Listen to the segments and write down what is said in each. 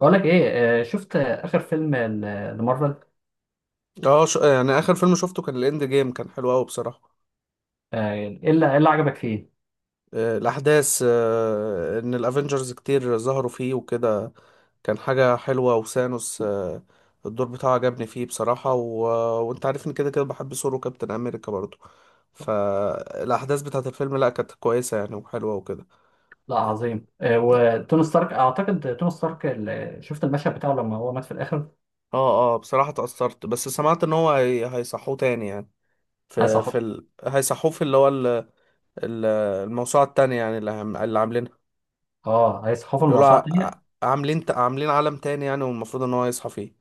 بقول لك ايه. شفت اخر فيلم لمارفل. اه يعني اخر فيلم شفته كان الاند جيم، كان حلو قوي بصراحه. ايه اللي إيه اللي عجبك فيه؟ الاحداث، ان الافنجرز كتير ظهروا فيه وكده. كان حاجه حلوه وسانوس. الدور بتاعه عجبني فيه بصراحه. وانت عارفني كده كده بحب ثور وكابتن امريكا برضه. فالاحداث بتاعت الفيلم، لا كانت كويسه يعني، وحلوه وكده. لا، عظيم. وتوني ستارك، اعتقد شفت المشهد بتاعه لما هو مات في الاخر. اه، اه، بصراحه اتاثرت، بس سمعت ان هو هيصحوه تاني يعني. في هيصحوا. في ال... هيصحوه في اللي هو. ال- الموسوعه التانيه، يعني اللي عاملينها. اه، هيصحوا بيقولوا الموسوعه الثانيه. عاملين عالم تاني يعني، والمفروض ان هو يصحى فيه.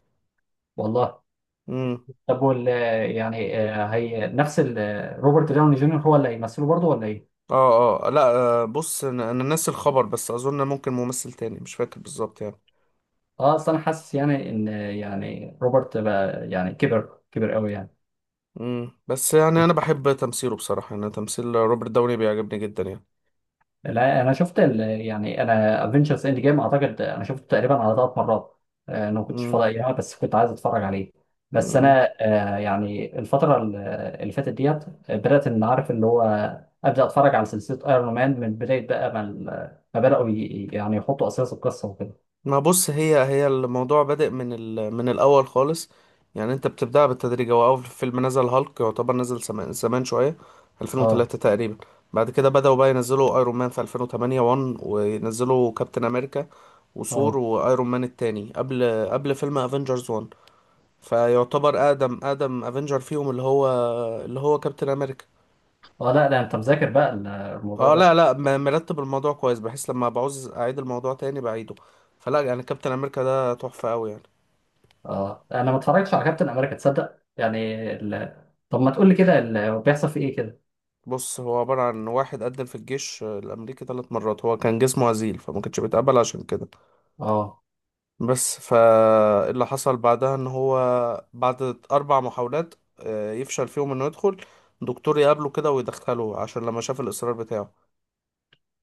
والله. امم طب، يعني، هي نفس روبرت داوني جونيور هو اللي هيمثله برضه ولا ايه؟ اه، اه، لا. بص انا ناسي الخبر، بس اظن ممكن ممثل تاني، مش فاكر بالظبط يعني. اه، اصل انا حاسس يعني ان، يعني روبرت بقى يعني كبر كبر قوي يعني. بس يعني انا بحب تمثيله بصراحة، يعني تمثيل روبرت داوني بيعجبني جدا يعني. لا، انا شفت، يعني انا، افنجرز اند جيم اعتقد انا شفته تقريبا على ثلاث مرات. انا ما كنتش فاضي ايامها بس كنت عايز اتفرج عليه. بس امم انا، يعني الفتره اللي فاتت ديت. بدات ان عارف اللي هو ابدا اتفرج على سلسله ايرون مان من بدايه بقى، ما بداوا، يعني يحطوا اساس القصه وكده. ما بص هي الموضوع بادئ من الاول خالص. يعني انت بتبدأ بالتدريج، هو اول فيلم نزل هالك يعتبر نزل زمان زمان شويه، اه، 2003 تقريبا. بعد كده بدأوا بقى ينزلوا ايرون مان في 2008 1، وينزلوا كابتن امريكا اه، وثور وايرون مان التاني قبل فيلم افنجرز 1. فيعتبر اقدم افنجر فيهم، اللي هو كابتن امريكا. اه. لا لا، انت مذاكر بقى الموضوع اه، لا، ده. لا، مرتب الموضوع كويس، بحيث لما بعوز اعيد الموضوع تاني بعيده. فلا يعني كابتن امريكا ده تحفه قوي يعني. اه، انا ما اتفرجتش على كابتن امريكا تصدق يعني. ال... طب، ما تقول لي كده بيحصل في ايه كده. بص هو عبارة عن واحد قدم في الجيش الأمريكي ثلاث مرات، هو كان جسمه هزيل فما كانش بيتقبل عشان كده. اه، بس فاللي حصل بعدها إن هو، بعد أربع محاولات يفشل فيهم إنه يدخل، دكتور يقابله كده ويدخله عشان لما شاف الإصرار بتاعه.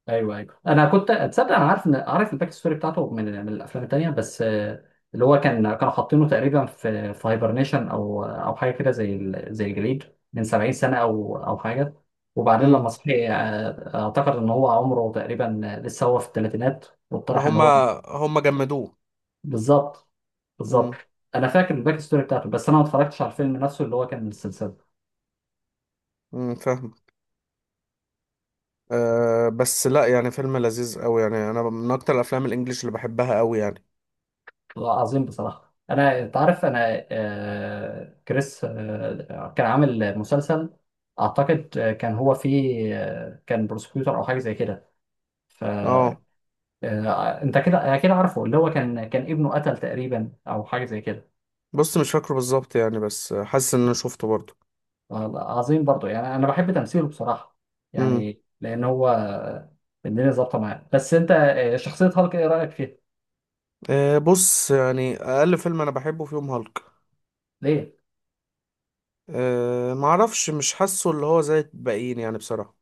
ايوه، ايوه، انا كنت اتصدق. انا عارف، ان عارف الباك ستوري بتاعته من الافلام التانيه بس، اللي هو كانوا حاطينه تقريبا في هايبرنيشن او حاجه كده، زي زي الجليد، من 70 سنه او حاجه. وبعدين لما مم. صحي، اعتقد ان هو عمره تقريبا، لسه هو في الثلاثينات. ما واقترح ان هو، هما هما جمدوه. بالظبط، بالظبط. مم. انا فاكر الباك ستوري بتاعته بس انا ما اتفرجتش على الفيلم نفسه اللي هو كان من السلسله. مم. فاهم. أه، بس لا يعني فيلم لذيذ أوي يعني، أنا من أكتر الأفلام الإنجليش اللي بحبها أوي يعني. عظيم بصراحة. أنا تعرف، أنا، كريس، كان عامل مسلسل، أعتقد، كان هو فيه، كان بروسكيوتور أو حاجة زي كده. اه، فأنت كده أكيد عارفه، اللي هو كان ابنه قتل تقريبا أو حاجة زي كده. بص مش فاكره بالظبط يعني، بس حاسس إن أنا شفته برضه. عظيم، برضه يعني أنا بحب تمثيله بصراحة، مم. يعني لأن هو، الدنيا ظابطة معاه. بس أنت، شخصية هالك إيه رأيك فيها؟ أه، بص يعني اقل فيلم انا بحبه فيهم هالك. ليه؟ أه، معرفش، مش حاسه اللي هو زي الباقيين يعني بصراحه.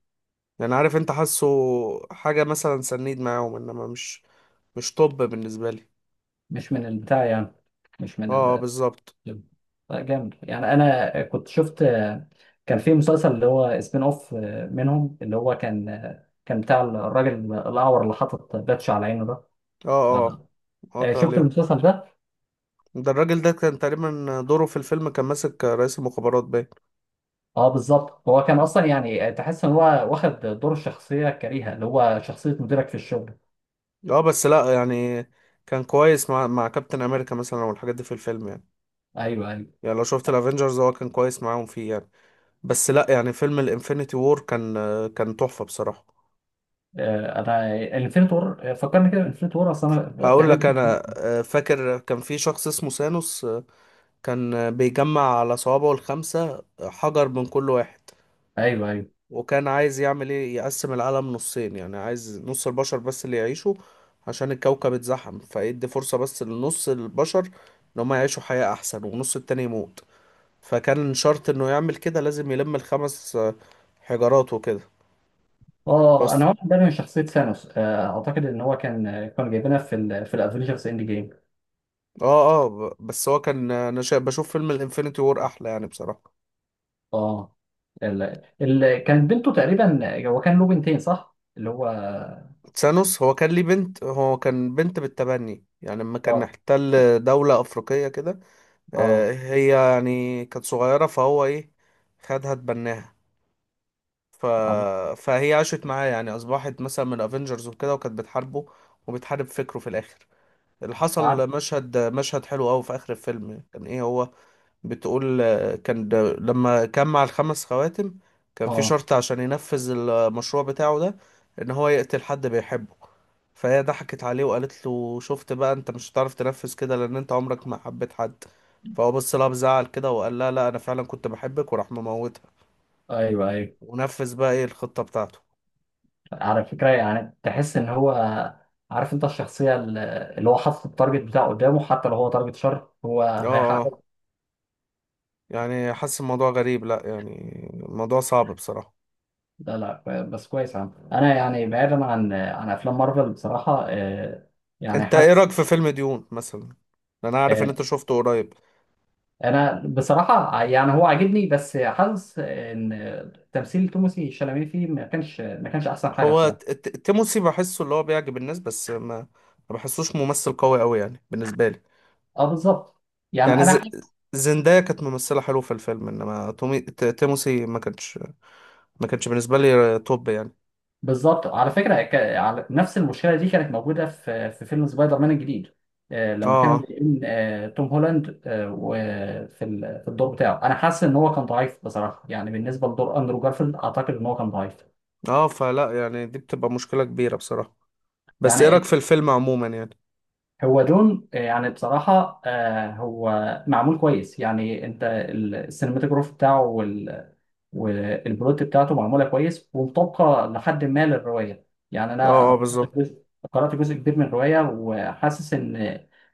يعني عارف انت، حاسه حاجه مثلا سنيد معاهم، انما مش، مش طب بالنسبه لي. مش من البتاع يعني، مش من اه، ال. بالظبط. لا، جامد يعني. انا كنت شفت، كان في مسلسل اللي هو سبين اوف منهم، اللي هو كان بتاع الراجل الاعور اللي حاطط باتش على عينه ده. اه، اه، قطع شفت عليه. المسلسل ده؟ ده الراجل ده كان تقريبا دوره في الفيلم كان ماسك رئيس المخابرات باين. اه، بالظبط. هو كان اصلا يعني، تحس ان هو واخد دور الشخصيه الكريهه، اللي هو شخصيه مديرك في الشغل. اه، بس لا يعني كان كويس مع كابتن امريكا مثلا والحاجات دي في الفيلم يعني. ايوه، ايوه. يعني لو شفت الافينجرز هو كان كويس معاهم فيه يعني. بس لا يعني فيلم الانفينيتي وور كان، كان تحفة بصراحة. انا انفينيتي وور فكرني كده. انفينيتي وور، اصل انا هقول تقريبا لك انا، فاكر كان في شخص اسمه سانوس. كان بيجمع على صوابعه الخمسة حجر من كل واحد. ايوه، ايوه. وكان عايز يعمل ايه، يقسم العالم نصين، يعني عايز نص البشر بس اللي يعيشوا، عشان الكوكب اتزحم، فيدي فرصة بس لنص البشر ان هم يعيشوا حياة احسن، والنص التاني يموت. فكان شرط انه يعمل كده لازم يلم الخمس حجارات وكده. اه، انا واخد بالي من شخصيه ثانوس، اعتقد ان هو كان، كانوا جايبينها في الافنجرز اند جيم. اه، اه، بس هو كان انا بشوف فيلم الانفينيتي وور احلى يعني بصراحة. اه، كان بنته تقريبا. هو كان له بنتين، صح؟ اللي هو، تسانوس هو كان ليه بنت، هو كان بنت بالتبني يعني، لما كان اه، احتل دولة افريقية كده. اه، هي يعني كانت صغيرة، فهو ايه، خدها اتبناها ف... عبد- فهي عاشت معاه يعني، اصبحت مثلا من افنجرز وكده، وكانت بتحاربه وبتحارب فكره في الاخر. اللي عارف. حصل مشهد حلو قوي في اخر الفيلم يعني، كان ايه هو بتقول، كان ده لما جمع الخمس خواتم كان في اه، شرط عشان ينفذ المشروع بتاعه ده، ان هو يقتل حد بيحبه. فهي ضحكت عليه وقالت له، شفت بقى، انت مش هتعرف تنفذ كده لان انت عمرك ما حبيت حد. فهو بص لها بزعل كده وقال لها، لا، انا فعلا كنت بحبك، وراح مموتها ايوه، ايوه. ونفذ بقى ايه الخطة بتاعته. على فكره يعني تحس ان هو، عارف انت، الشخصيه اللي هو حاطط التارجت بتاعه قدامه، حتى لو هو تارجت شر، هو اه، اه، هيحقق. يعني حاسس الموضوع غريب، لا يعني الموضوع صعب بصراحة. لا لا، بس كويس. عم. انا يعني، بعيدا عن افلام مارفل بصراحه، يعني انت ايه حاسس، رأيك في فيلم ديون مثلا؟ انا عارف ان انت آه، شفته قريب. انا بصراحه يعني هو عاجبني، بس حاسس ان تمثيل توماسي شلامين فيه ما كانش احسن حاجه هو بصراحه. تيموسي بحسه اللي هو بيعجب الناس، بس ما بحسوش ممثل قوي قوي يعني بالنسبة لي. اه، بالظبط. يعني يعني انا ز... حاسس، زندايا كانت ممثلة حلوة في الفيلم، انما تيموسي ما كانش بالنسبة لي توب يعني. بالظبط. على فكره، نفس المشكله دي كانت موجوده في فيلم سبايدر مان الجديد. لما كانوا اه، بيقين، توم هولاند، في الدور بتاعه، انا حاسس ان هو كان ضعيف بصراحه، يعني بالنسبه لدور اندرو جارفيلد اعتقد ان هو كان ضعيف. اه، فلا يعني دي بتبقى مشكلة كبيرة بصراحة. بس ايه رأيك في يعني الفيلم عموما يعني؟ هو دون، يعني بصراحة، هو معمول كويس يعني. انت، السينماتوجراف بتاعه والبلوت بتاعته معمولة كويس ومطابقة لحد ما للرواية، يعني اه، انا، اه، بالظبط. قرأت جزء كبير من الرواية، وحاسس ان،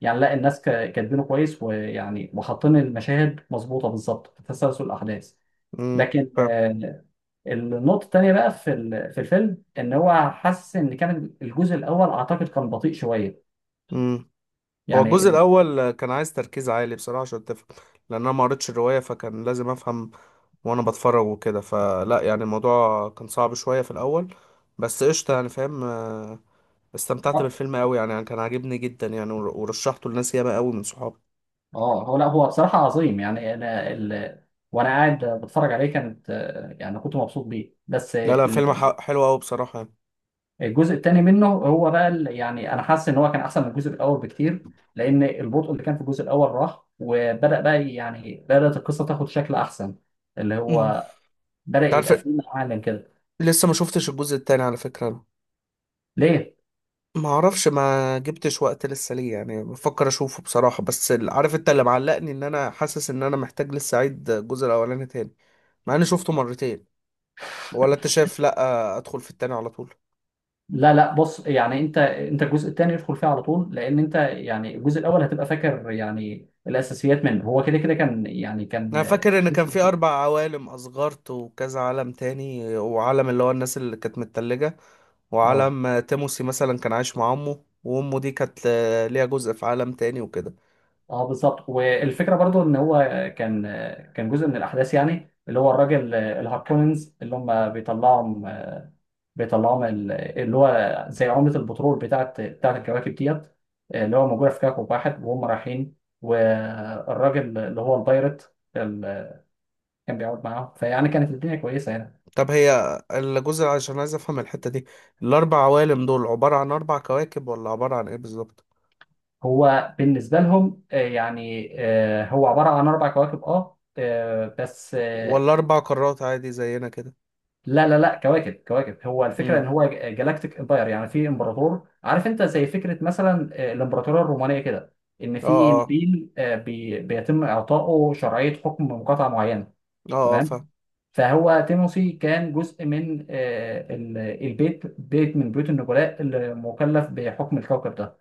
يعني لا، الناس كاتبينه كويس، ويعني وحاطين المشاهد مظبوطة بالظبط في تسلسل الأحداث. لكن، فاهم. النقطة التانية بقى في الفيلم، ان هو، حاسس ان، كان الجزء الأول اعتقد كان بطيء شوية امم هو الجزء يعني. الاول كان عايز تركيز عالي بصراحة عشان تفهم، لان انا ما قريتش الرواية فكان لازم افهم وانا بتفرج وكده، فلا يعني الموضوع كان صعب شوية في الاول، بس قشطة يعني فاهم. استمتعت بالفيلم قوي يعني, يعني كان عاجبني جدا يعني، ورشحته لناس ياما قوي من صحابي. اه، هو لا، هو بصراحة عظيم يعني. انا، وانا قاعد بتفرج عليه، كانت، يعني كنت مبسوط بيه، بس، لا، لا، فيلم حلو قوي بصراحة يعني. الجزء الثاني منه هو بقى، يعني انا حاسس ان هو كان احسن من الجزء الاول بكتير، لان البطء اللي كان في الجزء الاول راح، وبدأ بقى، يعني بدأت القصة تاخد شكل احسن، اللي مم. هو بدأ انت عارف، يبقى فيه معالم كده. لسه ما شفتش الجزء التاني على فكرة انا. ليه؟ ما اعرفش، ما جبتش وقت لسه ليه، يعني بفكر اشوفه بصراحة، بس عارف انت اللي معلقني، ان انا حاسس ان انا محتاج لسه اعيد الجزء الاولاني تاني، مع اني شفته مرتين. ولا انت شايف، لا، ادخل في التاني على طول؟ لا لا، بص يعني، انت الجزء الثاني ادخل فيه على طول، لان انت يعني، الجزء الاول هتبقى فاكر يعني الاساسيات منه، هو كده كده كان يعني انا كان. فاكر ان كان في اربع عوالم، اسغارت وكذا عالم تاني، وعالم اللي هو الناس اللي كانت متلجة، اه، وعالم تيموسي مثلا كان عايش مع امه، وامه دي كانت ليها جزء في عالم تاني وكده. اه، بالظبط. والفكره برضو ان هو كان، جزء من الاحداث يعني، اللي هو الراجل الهاركوننز اللي هم بيطلعهم، اللي هو زي عمله البترول بتاعت الكواكب ديت، اللي هو موجوده في كوكب واحد وهم رايحين. والراجل اللي هو البايرت اللي كان بيقعد معاهم، فيعني كانت الدنيا كويسه يعني. طب هي الجزء، عشان عايز افهم الحتة دي، الاربع عوالم دول عبارة عن اربع كواكب، ولا عبارة عن ايه بالظبط؟ هو بالنسبه لهم، يعني، هو عباره عن اربع كواكب، اه، بس. ولا اربع قارات عادي زينا كده؟ لا لا لا، كواكب كواكب. هو الفكره ان امم هو جالاكتيك امباير، يعني في امبراطور. عارف انت، زي فكره مثلا، الامبراطوريه الرومانيه كده. ان اه، في اه، نبيل، بيتم اعطائه شرعيه حكم مقاطعه معينه. اه، اه، فاهم. تمام. فهو تيموسي كان جزء من، البيت، بيت من بيوت النبلاء اللي مكلف بحكم الكوكب ده.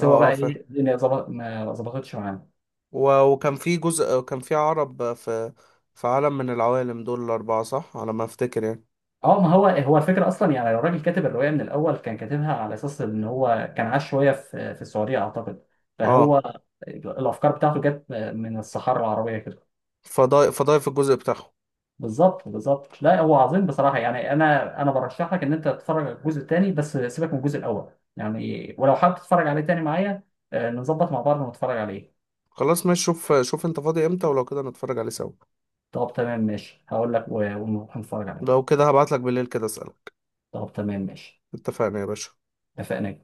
اه، هو اه، بقى فاهم. ايه، الدنيا ظبط ما ظبطتش معاه. وكان في جزء كان في عرب في، في عالم من العوالم دول الاربعة، صح على ما افتكر يعني؟ اه، ما هو الفكره اصلا يعني، لو الراجل كاتب الروايه من الاول كان كاتبها على اساس ان هو كان عاش شويه في السعوديه اعتقد. اه، فهو الافكار بتاعته جت من الصحراء العربيه كده. فضايق فضايق في الجزء بتاعهم. بالظبط، بالظبط. لا، هو عظيم بصراحه يعني. انا، برشح لك ان انت تتفرج على الجزء الثاني، بس سيبك من الجزء الاول. يعني، ولو حابب تتفرج عليه تاني معايا، نظبط مع بعض ونتفرج عليه. خلاص ماشي، شوف شوف انت فاضي امتى، ولو كده نتفرج عليه سوا. طب تمام ماشي، هقول لك، ونروح نتفرج عليه. لو كده هبعتلك بالليل كده اسألك. طب تمام ماشي. اتفقنا يا باشا. اتفقنا.